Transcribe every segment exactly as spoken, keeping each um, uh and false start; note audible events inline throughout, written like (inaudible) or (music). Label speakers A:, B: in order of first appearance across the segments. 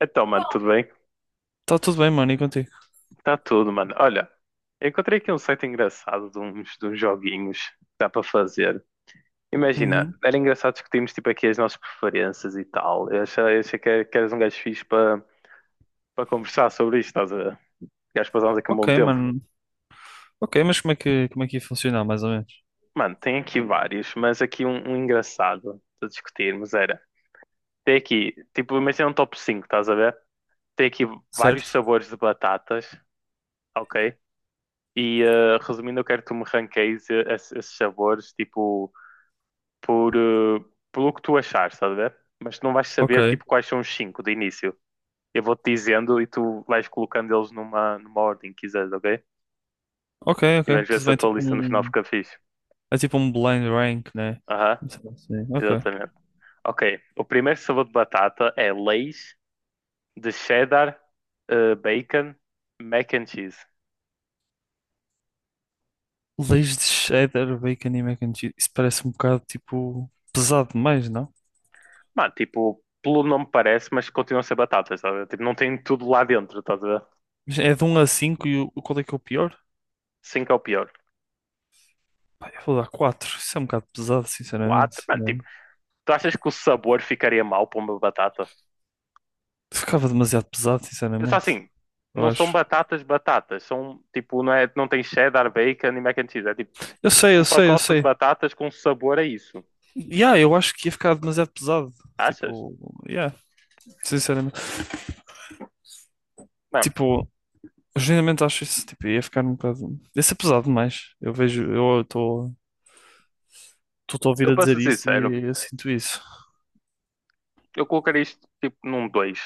A: Então, mano, tudo bem?
B: Tá tudo bem, mano, e contigo?
A: Tá tudo, mano. Olha, eu encontrei aqui um site engraçado de uns, de uns joguinhos que dá para fazer. Imagina,
B: Uhum.
A: era engraçado discutirmos tipo aqui as nossas preferências e tal. Eu achei, eu achei que, que eras um gajo fixe para para conversar sobre isto, estás a ver? Gajo, passámos aqui um
B: Ok,
A: bom tempo.
B: mano. Ok, mas como é que, como é que ia funcionar, mais ou menos?
A: Mano, tem aqui vários, mas aqui um, um, engraçado para discutirmos era. Tem aqui, tipo, imagina um top cinco, estás a ver? Tem aqui vários
B: Certo?
A: sabores de batatas, ok? E eh, resumindo, eu quero que tu me ranqueies eh, esses, esses, sabores, tipo, por, eh, pelo que tu achar, estás a ver? Mas tu não vais saber,
B: Ok.
A: tipo, quais são os cinco de início. Eu vou-te dizendo e tu vais colocando eles numa, numa ordem que quiseres, ok?
B: Ok,
A: E
B: ok.
A: vamos ver
B: Tudo
A: se a
B: bem,
A: tua
B: tipo
A: lista no final
B: um...
A: fica fixe.
B: É tipo um blind rank, né?
A: Aham, uhum,
B: Não sei se- Ok.
A: exatamente. Ok, o primeiro sabor de batata é Lay's de cheddar, eh, bacon, mac and cheese.
B: Leis de cheddar, bacon e mac and cheese. Isso parece um bocado, tipo, pesado demais, não?
A: Mano, tipo, pelo nome parece, mas continuam a ser batatas, estás a ver? Tipo, não tem tudo lá dentro, estás a ver?
B: Mas é de um a cinco e o o- qual é que é o pior?
A: Cinco é o pior.
B: Pá, eu vou dar quatro. Isso é um bocado pesado,
A: quatro.
B: sinceramente.
A: Mano, tipo,
B: Não.
A: tu achas que o sabor ficaria mal para uma batata?
B: Ficava demasiado pesado,
A: Pensa
B: sinceramente.
A: assim,
B: Eu
A: não são
B: acho.
A: batatas batatas, são tipo, não é, não tem cheddar, bacon e mac and cheese, é tipo
B: Eu sei, eu
A: um
B: sei, eu
A: pacote de
B: sei.
A: batatas com sabor a isso.
B: Yeah, eu acho que ia ficar demasiado pesado.
A: Achas?
B: Tipo, yeah, sinceramente.
A: Não,
B: Tipo, genuinamente acho isso. Tipo, ia ficar um bocado. Ia ser pesado demais. Eu vejo, eu estou a ouvir
A: eu
B: a dizer
A: posso ser
B: isso
A: sincero,
B: e eu sinto isso.
A: eu colocaria isto tipo num dois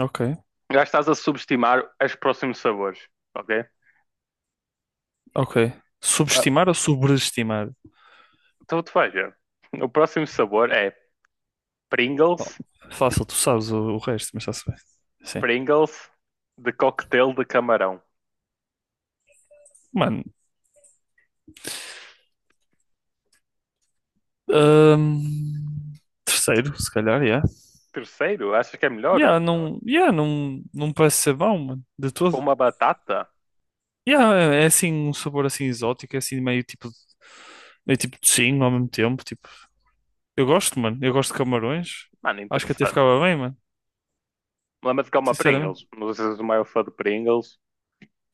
B: Ok,
A: Já estás a subestimar os próximos sabores, ok?
B: ok.
A: Ah,
B: Subestimar ou sobreestimar?
A: então tu vais ver. O próximo sabor é
B: Bom,
A: Pringles,
B: fácil, tu sabes o, o resto, mas está-se bem. Sim.
A: Pringles de coquetel de camarão.
B: Mano,
A: Hum.
B: hum, terceiro, se calhar, yeah.
A: Terceiro, achas que é melhor?
B: Yeah, não, yeah, não, não me parece ser bom, mano, de todo.
A: Uma batata
B: Yeah, é é assim um sabor assim exótico, é assim meio tipo meio tipo de sim ao mesmo tempo, tipo. Eu gosto, mano. Eu gosto de camarões.
A: Mano,
B: Acho que até
A: interessante.
B: ficava bem, mano.
A: Lembra-te que é uma
B: Sinceramente.
A: Pringles. Não sei se és o maior fã de Pringles.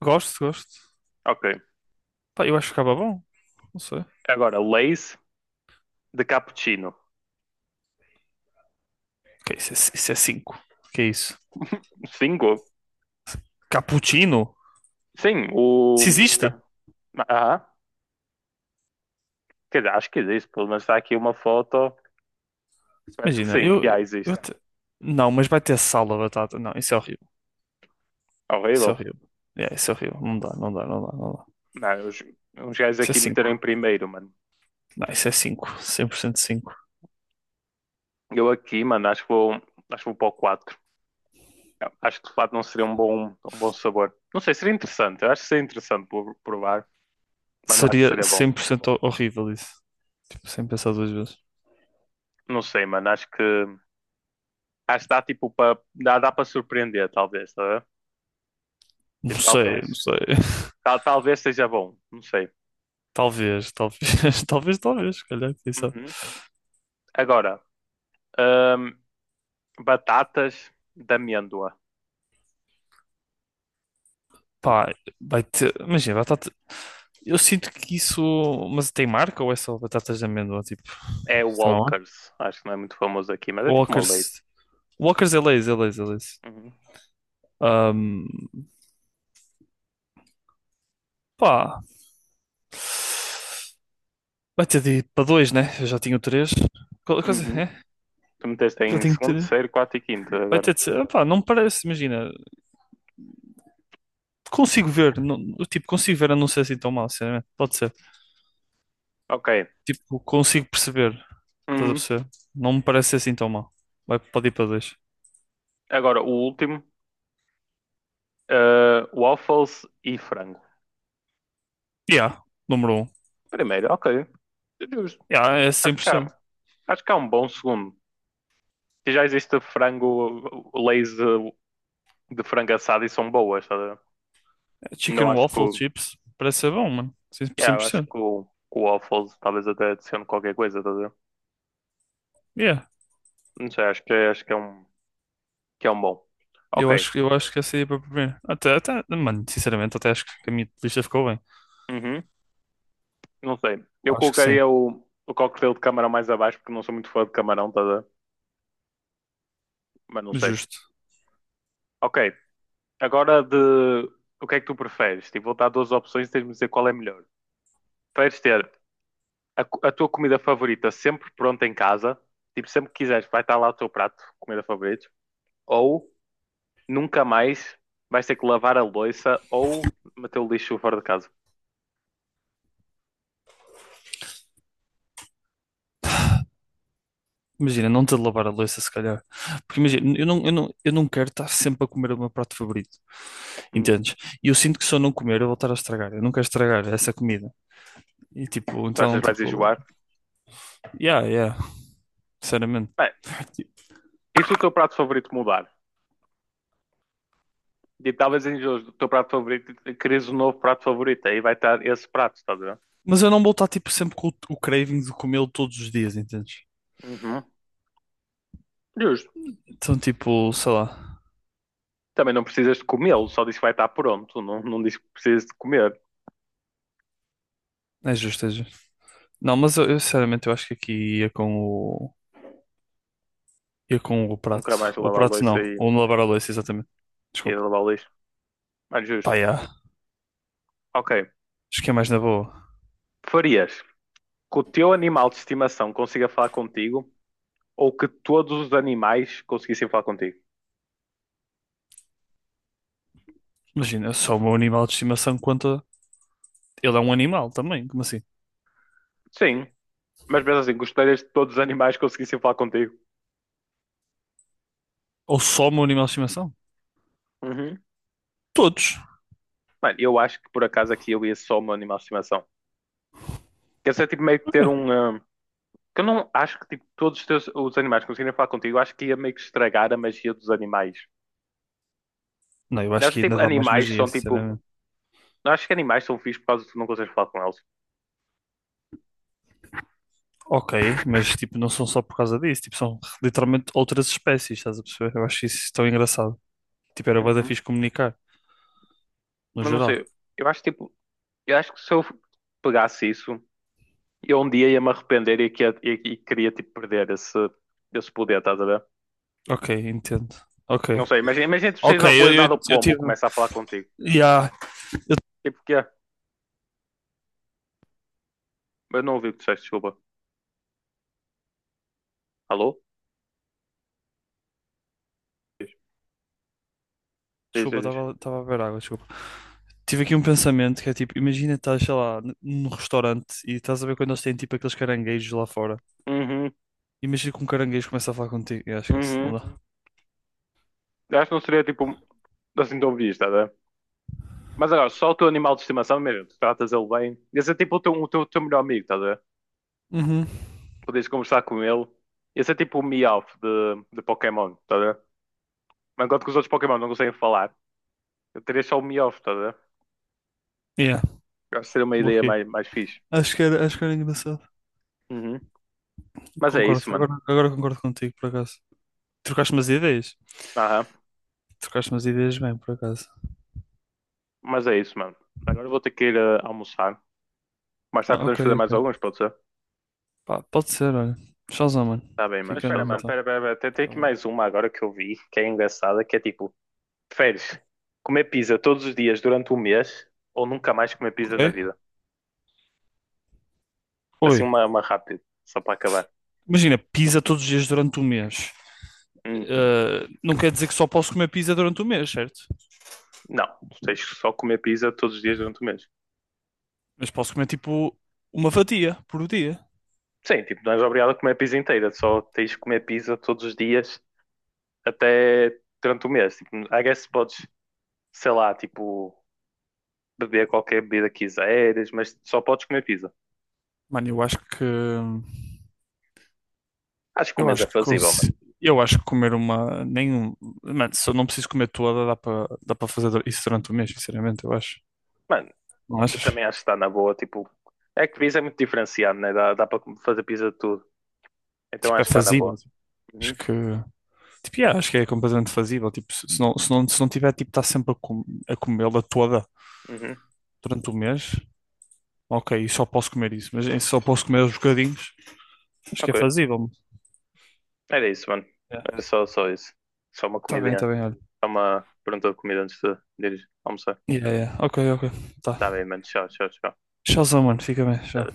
B: Gosto, gosto.
A: Ok.
B: Pá, eu acho que ficava bom. Não sei.
A: Agora, Lays de cappuccino.
B: Ok, isso é, isso é cinco. Que é isso?
A: Cinco?
B: Cappuccino?
A: Sim, o.
B: Se existe?
A: Ah, quer dizer, acho que existe. Pelo menos está aqui uma foto. Parece que
B: Imagina,
A: sim.
B: eu,
A: Já
B: eu
A: existe.
B: até... Não, mas vai ter sal da batata. Não, isso é horrível. Isso é
A: Horrível.
B: horrível. É, isso é horrível. Não dá, não dá, não dá, não dá.
A: Não, os, os, gajos
B: Isso é
A: aqui
B: cinco.
A: meteram em primeiro, mano.
B: Não, isso é cinco. Cem por cento cinco.
A: Eu aqui, mano, acho que vou, acho que vou, para o quatro Acho que de fato não seria um bom, um bom sabor. Não sei, seria interessante. Eu acho que seria interessante por- provar, mas não acho que
B: Seria
A: seria bom.
B: cem por cento ho- horrível isso. Tipo, sem pensar duas vezes.
A: Não sei, mano. Acho que acho que dá tipo para dá, dá para surpreender, talvez, tá? a ver? Tipo,
B: Não sei, não
A: talvez
B: sei. (laughs)
A: tal- talvez seja bom, não sei.
B: Talvez, talvez, (laughs) talvez, talvez, se calhar, quem sabe.
A: Uhum. Agora, hum, batatas de amêndoa.
B: Pá, vai ter. Imagina, batata. Eu sinto que isso. Mas tem marca ou é só batatas de amêndoa? Tipo,
A: É
B: isso tem uma marca?
A: Walkers, acho que não é muito famoso aqui, mas é tipo uma Lay's.
B: Walkers. Walkers é Lay's, é Lay's, é Lay's.
A: Uhum.
B: Ahm, pá. Vai ter de ir para dois, né? Eu já tinha três. Qual- Coisa,
A: Uhum.
B: é?
A: Tu meteste
B: Já
A: em
B: tenho
A: segundo,
B: três.
A: terceiro, quarto e quinto
B: Vai
A: agora.
B: ter de ser. Pá, não me parece, imagina. Consigo ver, não, tipo, consigo ver a não ser assim tão mal, sinceramente. Pode ser.
A: Ok.
B: Tipo, consigo perceber, estás a
A: Uhum.
B: perceber? Não me parece ser assim tão mal. Vai, pode ir para dois.
A: Agora, o último, uh, waffles e frango.
B: Yeah, número um.
A: Primeiro, ok. Justo.
B: Yeah, é
A: Acho que
B: cem por cento.
A: há, acho que há um bom segundo. Se já existe frango Lay's eh, de frango assado e são boas, estás a ver? Não
B: Chicken
A: acho que.
B: waffle
A: o-
B: chips, parece ser bom, mano. cem por cento
A: Yeah,
B: cem
A: eu
B: por
A: acho
B: cento.
A: que o, que o, waffles talvez até adicione qualquer coisa, estás a ver?
B: Yeah.
A: Não sei, acho que, acho que é um, que é um bom.
B: Eu
A: Ok,
B: acho, eu acho que essa ia para a... Até, até, mano, sinceramente, até acho que a minha lista ficou bem.
A: uhum, não sei. Eu
B: Acho que sim,
A: colocaria o, o coquetel de camarão mais abaixo porque não sou muito fã de camarão, estás a ver? Mas não sei.
B: justo.
A: Ok, agora de. O que é que tu preferes? Tipo, vou dar duas opções e tens-me de dizer qual é melhor. Preferes ter a, co- a tua comida favorita sempre pronta em casa, tipo, sempre que quiseres, vai estar lá o teu prato, comida favorita. Ou Nunca mais vais ter que lavar a louça ou meter o lixo fora de casa.
B: Imagina, não ter de lavar a louça, se calhar. Porque imagina, eu não, eu não, eu não quero estar sempre a comer o meu prato favorito.
A: Hum,
B: Entendes? E eu sinto que se eu não comer, eu vou estar a estragar. Eu não quero estragar essa comida. E tipo,
A: tu
B: então,
A: achas que vais
B: tipo,
A: enjoar?
B: yeah, yeah, sinceramente.
A: Bem, e se o teu prato favorito mudar? E talvez enjoes do teu prato favorito e queres um novo prato favorito. Aí vai estar esse prato, estás a ver?
B: Mas eu não vou estar tipo sempre com o, o craving de comê-lo todos os dias, entendes?
A: Uhum. Justo.
B: Então, tipo, sei lá,
A: Também não precisas de comê-lo, só diz que vai estar pronto. Não, não diz que precisas de comer.
B: é justo, é justo. Não, mas eu, eu, sinceramente eu acho que aqui ia com o... ia com o
A: Nunca
B: prato.
A: mais
B: O
A: lavar a
B: prato
A: louça
B: não,
A: e,
B: ou lavar a louça, exatamente.
A: e
B: Desculpa.
A: lavar o lixo. Mas
B: Pá,
A: justo.
B: yeah.
A: Ok.
B: Acho que é mais na boa.
A: Farias que o teu animal de estimação consiga falar contigo ou que todos os animais conseguissem falar contigo?
B: Imagina, só o meu animal de estimação conta. Ele é um animal também, como assim?
A: Sim. Mas mesmo assim, gostarias de todos os animais conseguissem falar contigo.
B: Ou só o meu animal de estimação?
A: Uhum.
B: Todos.
A: Mano, eu acho que por acaso aqui eu ia só um animal de estimação. Quer dizer tipo meio que ter
B: Ok.
A: um. Ah, que eu não acho que tipo, todos os, teus, os animais conseguirem falar contigo, eu acho que ia meio que estragar a magia dos animais.
B: Não, eu
A: Eu
B: acho
A: acho
B: que
A: que tipo,
B: ainda dá mais
A: animais
B: magia,
A: são tipo.
B: sinceramente.
A: Eu acho que animais são fixos por causa de tu não consegues falar com eles.
B: Ok, mas tipo, não são só por causa disso, tipo, são literalmente outras espécies, estás a perceber? Eu acho isso tão engraçado. Tipo, era bué da
A: Uhum.
B: fixe comunicar, no
A: Mas não
B: geral.
A: sei. Eu acho tipo. Eu acho que se eu pegasse isso, eu um dia ia me arrepender e, que, e, e queria tipo perder esse, esse, poder, estás a ver?
B: Ok, entendo. Ok.
A: Não sei, imagina, imagina tu saís
B: Ok,
A: na rua
B: eu,
A: e
B: eu,
A: nada o
B: eu
A: pombo
B: tive.
A: começa a falar contigo.
B: Yeah.
A: Tipo o que é? Eu não ouvi o que tu disseste, desculpa. Alô? Diz, diz,
B: Desculpa,
A: diz.
B: estava estava a beber água, desculpa. Tive aqui um pensamento que é tipo, imagina estás, sei lá, n- num restaurante e estás a ver quando eles têm tipo aqueles caranguejos lá fora.
A: Uhum,
B: Imagina que um caranguejo começa a falar contigo. Yeah, esquece, não
A: uhum.
B: dá.
A: Eu Acho que não seria tipo assim tão visto, tá a ver? Mas agora, só o teu animal de estimação mesmo, tu tratas ele bem. Ia ser tipo o teu, o teu, o teu, melhor amigo, tá a ver?
B: Uhum.
A: Podias conversar com ele. Ia ser tipo o Meowth de, de Pokémon, tá a ver? Mas enquanto que os outros Pokémon não conseguem falar, eu teria só o Meowth, tá a ver?
B: Yeah,
A: Eu Acho que seria uma ideia
B: ok.
A: mais, mais fixe.
B: Acho que era, acho que era engraçado.
A: Uhum. Mas é
B: Concordo,
A: isso, mano.
B: agora, agora concordo contigo, por acaso. Trocaste umas ideias?
A: Aham.
B: Trocaste umas ideias bem, por acaso.
A: Mas é isso, mano. Agora eu vou ter que ir eh, almoçar. Mais tarde
B: Ah,
A: podemos
B: ok,
A: fazer
B: ok.
A: mais alguns, pode ser?
B: Pá, pode ser, olha. Shazam, mano.
A: Tá bem, mano. Mas
B: Fica
A: espera,
B: bem
A: Showzão. mano,
B: então.
A: Showzão. espera, espera, espera. Tem, tem aqui
B: Shazam.
A: mais uma agora que eu vi, que é engraçada, que é tipo, preferes comer pizza todos os dias durante um mês ou nunca mais comer pizza
B: Ok?
A: na vida? Assim
B: Oi.
A: uma, uma rápida, só para acabar.
B: Imagina, pizza todos os dias durante um mês.
A: Hum,
B: Ah, não quer dizer que só posso comer pizza durante um mês, certo?
A: não, tu tens que só comer pizza todos os dias durante o mês.
B: Mas posso comer tipo uma fatia por dia.
A: Sim, tipo, não és obrigado a comer pizza inteira, só tens que comer pizza todos os dias até durante o mês. Tipo, I guess podes, sei lá, tipo, beber qualquer bebida que quiseres, mas só podes comer pizza.
B: Mano, eu acho que. hum,
A: Acho que o
B: Eu
A: mês é
B: acho que
A: fazível, mano.
B: consi- eu acho que comer uma nenhum, mano, se eu não preciso comer toda, dá para dá para fazer isso durante o mês, sinceramente, eu acho.
A: Mano,
B: Não
A: Eu
B: achas?
A: também acho que está na boa. Tipo, é que pizza é muito diferenciado, né? Dá, dá para fazer pizza de tudo. Então
B: Tipo, é
A: acho que está na
B: fazível.
A: boa.
B: Tipo, acho
A: Uhum,
B: que tipo, yeah, acho que é completamente fazível, tipo, se se não se não, se não tiver tipo estar sempre a, com... a comê-la toda
A: uhum.
B: durante o mês, ok, só posso comer isso, mas em- só posso comer os bocadinhos. Acho que é
A: Ok.
B: fazível, mano.
A: Era isso, mano.
B: Yeah.
A: Era só, só, isso. Só uma
B: Tá bem,
A: comidinha.
B: tá bem, olha.
A: Só uma pergunta de comida antes de de ir almoçar.
B: Yeah, yeah. Ok, ok. Tá.
A: Tá bem, mano. Tchau, tchau, tchau.
B: Tchauzão, mano, fica bem, tchau.